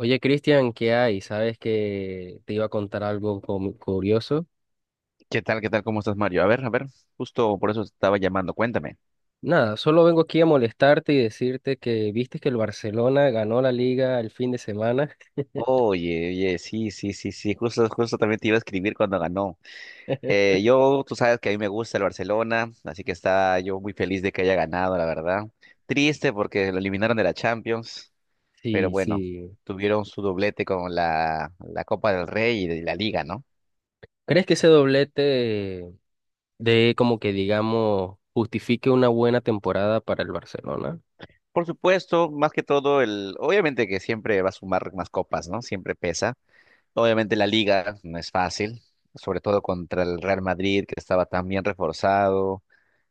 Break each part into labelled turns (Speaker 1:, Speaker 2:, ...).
Speaker 1: Oye, Cristian, ¿qué hay? Sabes que te iba a contar algo como curioso.
Speaker 2: ¿Qué tal? ¿Qué tal? ¿Cómo estás, Mario? A ver, justo por eso te estaba llamando, cuéntame.
Speaker 1: Nada, solo vengo aquí a molestarte y decirte que viste que el Barcelona ganó la liga el fin de semana.
Speaker 2: Oye, oye, sí, sí, sí, sí, justo también te iba a escribir cuando ganó. Tú sabes que a mí me gusta el Barcelona, así que está yo muy feliz de que haya ganado, la verdad. Triste porque lo eliminaron de la Champions, pero
Speaker 1: Sí,
Speaker 2: bueno,
Speaker 1: sí.
Speaker 2: tuvieron su doblete con la Copa del Rey y de la Liga, ¿no?
Speaker 1: ¿Crees que ese doblete de como que digamos justifique una buena temporada para el Barcelona?
Speaker 2: Por supuesto, más que todo, el, obviamente que siempre va a sumar más copas, ¿no? Siempre pesa. Obviamente la liga no es fácil, sobre todo contra el Real Madrid, que estaba tan bien reforzado,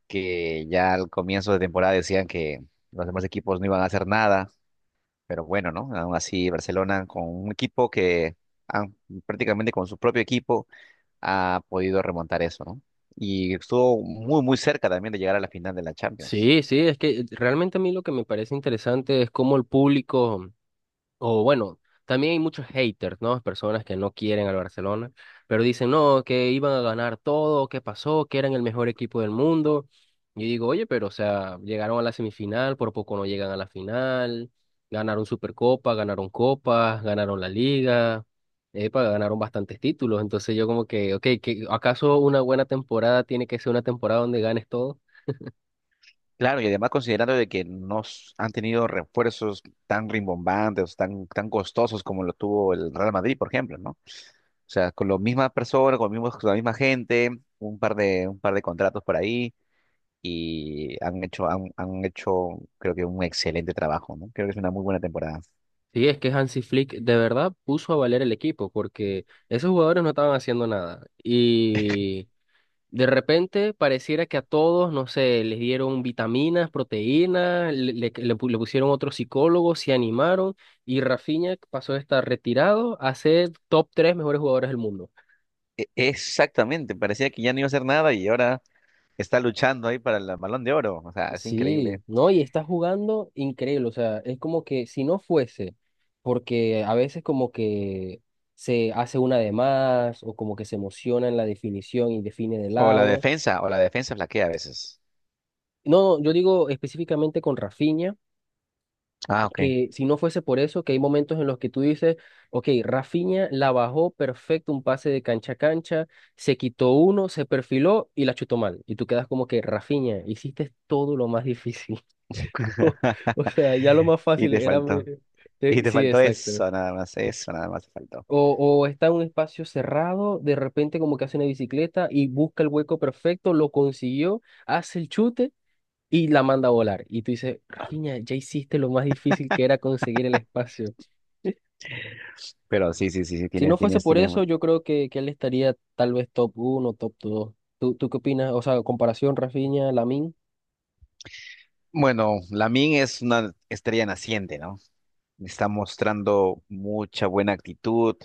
Speaker 2: que ya al comienzo de temporada decían que los demás equipos no iban a hacer nada, pero bueno, ¿no? Aún así, Barcelona con un equipo que ah, prácticamente con su propio equipo ha podido remontar eso, ¿no? Y estuvo muy, muy cerca también de llegar a la final de la Champions.
Speaker 1: Sí, sí, es que realmente a mí lo que me parece interesante es cómo el público, o bueno, también hay muchos haters, ¿no? Personas que no quieren al Barcelona, pero dicen, no, que iban a ganar todo, que pasó, que eran el mejor equipo del mundo. Y digo, oye, pero o sea, llegaron a la semifinal, por poco no llegan a la final, ganaron Supercopa, ganaron Copas, ganaron la Liga, epa, ganaron bastantes títulos. Entonces yo como que, ok, que, ¿acaso una buena temporada tiene que ser una temporada donde ganes todo?
Speaker 2: Claro, y además considerando de que no s- han tenido refuerzos tan rimbombantes, tan, tan costosos como lo tuvo el Real Madrid, por ejemplo, ¿no? O sea, con la misma persona, con, con la misma gente, un par de contratos por ahí y han hecho, creo que un excelente trabajo, ¿no? Creo que es una muy buena temporada.
Speaker 1: Sí, es que Hansi Flick de verdad puso a valer el equipo porque esos jugadores no estaban haciendo nada. Y de repente pareciera que a todos, no sé, les dieron vitaminas, proteínas, le pusieron otro psicólogo, se animaron y Rafinha pasó de estar retirado a ser top tres mejores jugadores del mundo.
Speaker 2: Exactamente, parecía que ya no iba a hacer nada y ahora está luchando ahí para el Balón de Oro. O sea, es
Speaker 1: Sí,
Speaker 2: increíble.
Speaker 1: no, y está jugando increíble, o sea, es como que si no fuese, porque a veces como que se hace una de más o como que se emociona en la definición y define de lado.
Speaker 2: O la defensa flaquea a veces.
Speaker 1: No, no, yo digo específicamente con Rafinha,
Speaker 2: Ah, ok.
Speaker 1: que si no fuese por eso, que hay momentos en los que tú dices, ok, Rafinha la bajó perfecto, un pase de cancha a cancha, se quitó uno, se perfiló y la chutó mal. Y tú quedas como que, Rafinha, hiciste todo lo más difícil. O sea, ya lo más
Speaker 2: Y
Speaker 1: fácil
Speaker 2: te
Speaker 1: era...
Speaker 2: faltó. Y te
Speaker 1: sí,
Speaker 2: faltó
Speaker 1: exacto.
Speaker 2: eso nada más te faltó.
Speaker 1: O está en un espacio cerrado, de repente como que hace una bicicleta y busca el hueco perfecto, lo consiguió, hace el chute y la manda a volar. Y tú dices, Rafinha, ya hiciste lo más difícil que era conseguir el espacio.
Speaker 2: Pero sí, sí, sí, sí,
Speaker 1: Si no
Speaker 2: tienes,
Speaker 1: fuese
Speaker 2: tienes,
Speaker 1: por
Speaker 2: tienes.
Speaker 1: eso, yo creo que él estaría tal vez top 1, top dos. ¿Tú, tú qué opinas? O sea, comparación Rafinha, Lamin.
Speaker 2: Bueno, Lamine es una estrella naciente, ¿no? Está mostrando mucha buena actitud,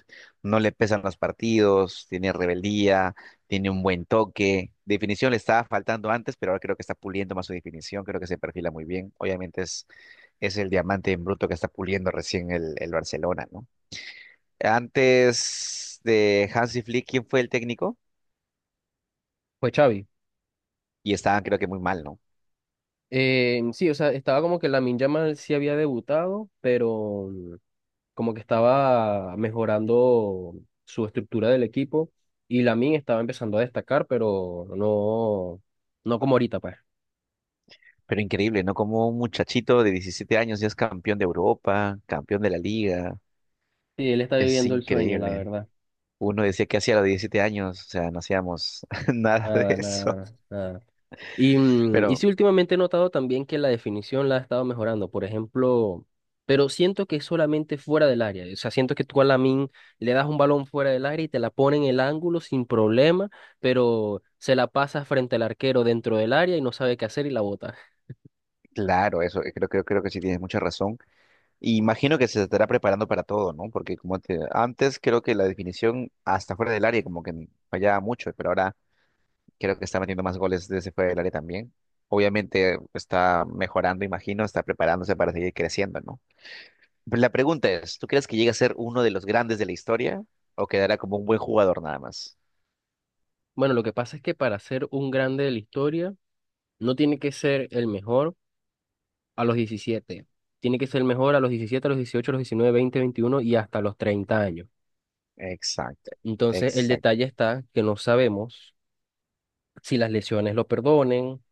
Speaker 2: no le pesan los partidos, tiene rebeldía, tiene un buen toque. Definición le estaba faltando antes, pero ahora creo que está puliendo más su definición, creo que se perfila muy bien. Obviamente es el diamante en bruto que está puliendo recién el Barcelona, ¿no? Antes de Hansi Flick, ¿quién fue el técnico?
Speaker 1: Pues Xavi.
Speaker 2: Y estaban creo que muy mal, ¿no?
Speaker 1: Sí, o sea, estaba como que Lamin Yamal sí había debutado, pero... mm, como que estaba mejorando su estructura del equipo y Lamin estaba empezando a destacar, pero no, no como ahorita, pues.
Speaker 2: Pero increíble, ¿no? Como un muchachito de 17 años ya es campeón de Europa, campeón de la liga.
Speaker 1: Sí, él está
Speaker 2: Es
Speaker 1: viviendo el sueño, la
Speaker 2: increíble.
Speaker 1: verdad.
Speaker 2: Uno decía que hacía a los 17 años, o sea, no hacíamos nada de
Speaker 1: Nada,
Speaker 2: eso.
Speaker 1: nada, nada. Y, y
Speaker 2: Pero
Speaker 1: sí, últimamente he notado también que la definición la ha estado mejorando, por ejemplo, pero siento que es solamente fuera del área. O sea, siento que tú a Lamin le das un balón fuera del área y te la pone en el ángulo sin problema, pero se la pasa frente al arquero dentro del área y no sabe qué hacer y la bota.
Speaker 2: claro, eso creo que sí tienes mucha razón. Y imagino que se estará preparando para todo, ¿no? Porque como te, antes creo que la definición hasta fuera del área como que fallaba mucho, pero ahora creo que está metiendo más goles desde fuera del área también. Obviamente está mejorando, imagino, está preparándose para seguir creciendo, ¿no? La pregunta es, ¿tú crees que llegue a ser uno de los grandes de la historia o quedará como un buen jugador nada más?
Speaker 1: Bueno, lo que pasa es que para ser un grande de la historia, no tiene que ser el mejor a los 17. Tiene que ser el mejor a los diecisiete, a los 18, a los 19, 20, 21 y hasta los 30 años.
Speaker 2: Exacto,
Speaker 1: Entonces, el
Speaker 2: exacto,
Speaker 1: detalle está que no sabemos si las lesiones lo perdonen,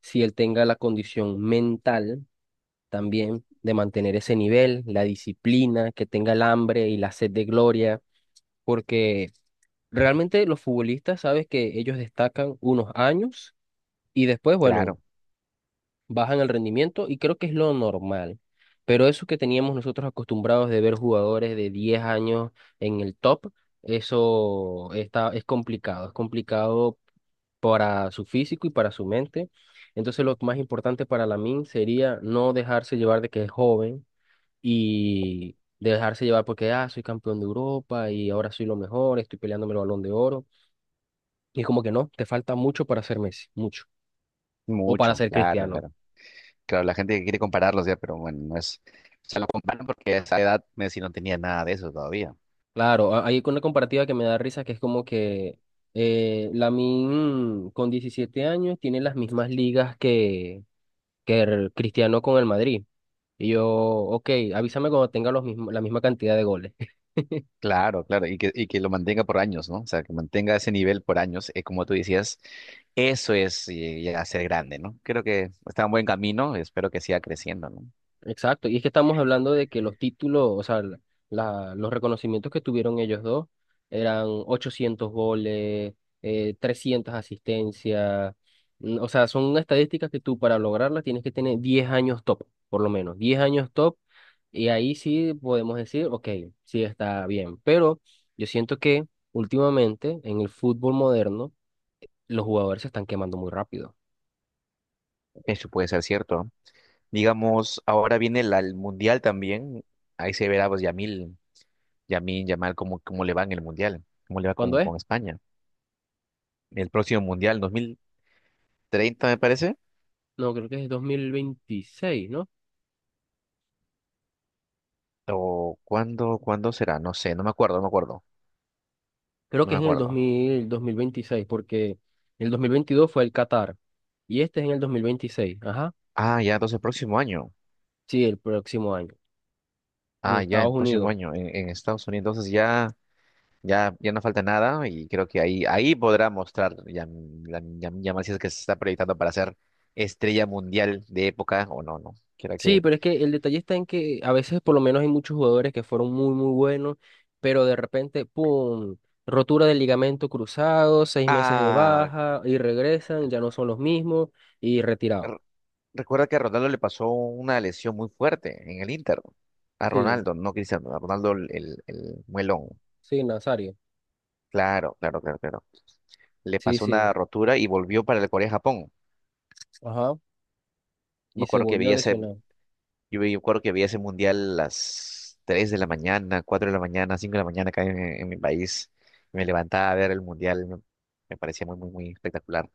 Speaker 1: si él tenga la condición mental también de mantener ese nivel, la disciplina, que tenga el hambre y la sed de gloria, porque realmente los futbolistas, sabes que ellos destacan unos años. Y después, bueno,
Speaker 2: claro,
Speaker 1: bajan el rendimiento y creo que es lo normal. Pero eso que teníamos nosotros acostumbrados de ver jugadores de 10 años en el top, eso está, es complicado para su físico y para su mente. Entonces lo más importante para Lamine sería no dejarse llevar de que es joven y dejarse llevar porque, ah, soy campeón de Europa y ahora soy lo mejor, estoy peleándome el Balón de Oro. Y es como que no, te falta mucho para ser Messi, mucho. O para
Speaker 2: mucho,
Speaker 1: ser
Speaker 2: claro,
Speaker 1: Cristiano.
Speaker 2: claro. Claro, la gente quiere compararlos ya, pero bueno, no es, se lo comparan porque a esa edad Messi no tenía nada de eso todavía.
Speaker 1: Claro, a- hay una comparativa que me da risa que es como que Lamine con 17 años tiene las mismas ligas que el Cristiano con el Madrid. Y yo, ok, avísame cuando tenga los mismos, la misma cantidad de goles.
Speaker 2: Claro, claro, y que lo mantenga por años, ¿no? O sea, que mantenga ese nivel por años, como tú decías, eso es llegar a ser grande, ¿no? Creo que está en buen camino, espero que siga creciendo, ¿no?
Speaker 1: Exacto, y es que estamos hablando de que los títulos, o sea, los reconocimientos que tuvieron ellos dos eran 800 goles, 300 asistencias, o sea, son estadísticas que tú para lograrlas tienes que tener 10 años top, por lo menos, 10 años top, y ahí sí podemos decir, ok, sí está bien, pero yo siento que últimamente en el fútbol moderno los jugadores se están quemando muy rápido.
Speaker 2: Eso puede ser cierto. Digamos, ahora viene el Mundial también. Ahí se verá, pues, Yamal, cómo, cómo le va en el Mundial, cómo le va
Speaker 1: ¿Cuándo es?
Speaker 2: con España. El próximo Mundial, 2030, me parece.
Speaker 1: No, creo que es 2026.
Speaker 2: ¿O cuándo, cuándo será? No sé,
Speaker 1: Creo
Speaker 2: no
Speaker 1: que
Speaker 2: me
Speaker 1: es en el dos dos
Speaker 2: acuerdo.
Speaker 1: mil 2026 porque el 2022 fue el Qatar y este es en el 2026. Ajá.
Speaker 2: Ah, ya, entonces el próximo año.
Speaker 1: Sí, el próximo año, en
Speaker 2: Ah, ya,
Speaker 1: Estados
Speaker 2: el próximo
Speaker 1: Unidos.
Speaker 2: año en Estados Unidos. Entonces ya, ya, ya no falta nada y creo que ahí, ahí podrá mostrar Yamal si es que se está proyectando para ser estrella mundial de época o no, no. Creo
Speaker 1: Sí,
Speaker 2: que...
Speaker 1: pero es que el detalle está en que a veces por lo menos hay muchos jugadores que fueron muy, muy buenos, pero de repente, ¡pum! Rotura del ligamento cruzado, 6 meses de
Speaker 2: Ah,
Speaker 1: baja y regresan, ya no son los mismos y retirado.
Speaker 2: r- recuerda que a Ronaldo le pasó una lesión muy fuerte en el Inter. A
Speaker 1: Sí,
Speaker 2: Ronaldo, no Cristiano, a Ronaldo el muelón.
Speaker 1: sí, Nazario.
Speaker 2: Claro, claro, claro, claro. Le
Speaker 1: Sí,
Speaker 2: pasó una
Speaker 1: sí.
Speaker 2: rotura y volvió para el Corea-Japón.
Speaker 1: Ajá.
Speaker 2: Me
Speaker 1: Y se
Speaker 2: acuerdo que
Speaker 1: volvió a
Speaker 2: veía ese,
Speaker 1: lesionar.
Speaker 2: Yo me acuerdo que veía ese mundial a las 3 de la mañana, 4 de la mañana, 5 de la mañana acá en mi país. Me levantaba a ver el mundial, me parecía muy, muy, muy espectacular.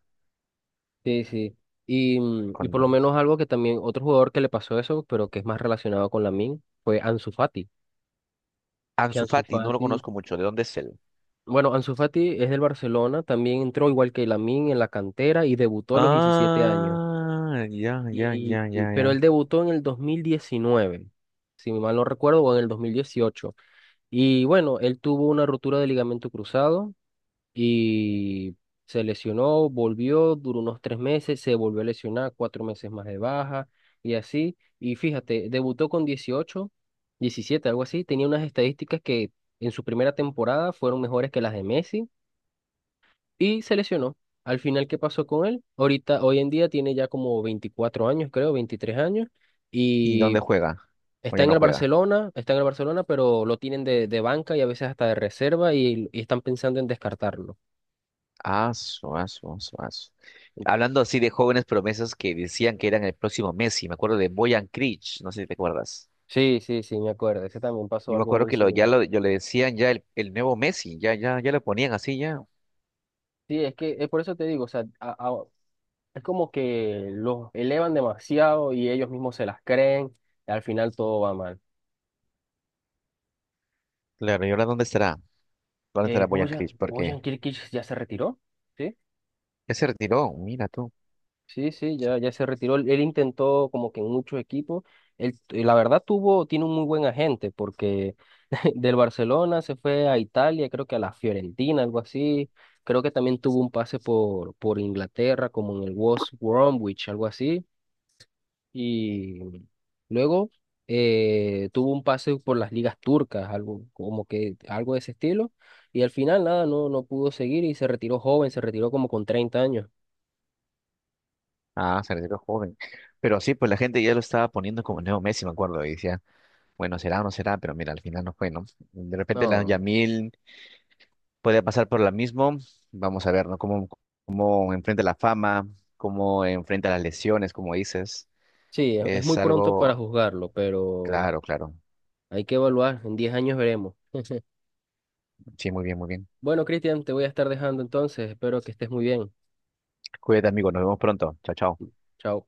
Speaker 1: Sí, sí. Y, y por lo
Speaker 2: Cuando...
Speaker 1: menos algo que también, otro jugador que le pasó eso, pero que es más relacionado con Min, fue Ansu Fati. Que
Speaker 2: Ansu
Speaker 1: Ansu
Speaker 2: Fati, no lo
Speaker 1: Fati,
Speaker 2: conozco mucho, ¿de dónde es él?
Speaker 1: bueno, Ansu Fati es del Barcelona, también entró igual que Min en la cantera y debutó a los 17 años.
Speaker 2: Ah,
Speaker 1: Pero
Speaker 2: ya.
Speaker 1: él debutó en el 2019 si mal no recuerdo, o en el 2018. Y bueno, él tuvo una ruptura de ligamento cruzado. Y se lesionó, volvió, duró unos 3 meses, se volvió a lesionar, 4 meses más de baja y así. Y fíjate, debutó con 18, 17, algo así, tenía unas estadísticas que en su primera temporada fueron mejores que las de Messi y se lesionó. Al final, ¿qué pasó con él? Ahorita, hoy en día tiene ya como 24 años, creo, 23 años
Speaker 2: ¿Y dónde
Speaker 1: y...
Speaker 2: juega? ¿O
Speaker 1: Está
Speaker 2: ya
Speaker 1: en
Speaker 2: no
Speaker 1: el
Speaker 2: juega?
Speaker 1: Barcelona, está en el Barcelona, pero lo tienen de banca y a veces hasta de reserva y están pensando en descartarlo.
Speaker 2: Ah, su, ah, su, ah, su, ah, su. Hablando así de jóvenes promesas que decían que eran el próximo Messi, me acuerdo de Boyan Krich, no sé si te acuerdas.
Speaker 1: Sí, sí, sí, me acuerdo. Ese también pasó
Speaker 2: Yo me
Speaker 1: algo
Speaker 2: acuerdo
Speaker 1: muy
Speaker 2: que
Speaker 1: similar.
Speaker 2: yo le decían ya el nuevo Messi, ya, ya, ya lo ponían así ya.
Speaker 1: Sí, es que es por eso te digo, o sea, a- es como que los elevan demasiado y ellos mismos se las creen y al final todo va mal.
Speaker 2: Claro, ¿y ahora dónde estará? ¿Dónde estará Boyan
Speaker 1: Bojan,
Speaker 2: Krich? Porque
Speaker 1: Bojan Kirkic ya se retiró, ¿sí?
Speaker 2: ya se retiró, mira tú.
Speaker 1: Sí, sí, ya, ya se retiró. Él intentó como que en muchos equipos. Él, y la verdad tuvo, tiene un muy buen agente porque del Barcelona se fue a Italia, creo que a la Fiorentina, algo así. Creo que también tuvo un pase por Inglaterra, como en el West Bromwich, algo así. Y luego tuvo un pase por las ligas turcas, algo como que algo de ese estilo. Y al final nada, no, no pudo seguir y se retiró joven, se retiró como con 30 años.
Speaker 2: Ah, se retiró joven. Pero sí, pues la gente ya lo estaba poniendo como el nuevo Messi, me acuerdo, y decía, bueno, será o no será, pero mira, al final no fue, ¿no? De repente la
Speaker 1: No.
Speaker 2: Yamil puede pasar por la misma. Vamos a ver, ¿no? Cómo, cómo enfrenta la fama, cómo enfrenta las lesiones, como dices.
Speaker 1: Sí, es muy
Speaker 2: Es
Speaker 1: pronto para
Speaker 2: algo,
Speaker 1: juzgarlo, pero
Speaker 2: claro, claro.
Speaker 1: hay que evaluar. En 10 años veremos.
Speaker 2: Sí, muy bien, muy bien.
Speaker 1: Bueno, Cristian, te voy a estar dejando entonces. Espero que estés muy bien.
Speaker 2: Cuídate, amigo. Nos vemos pronto. Chao, chao.
Speaker 1: Chao.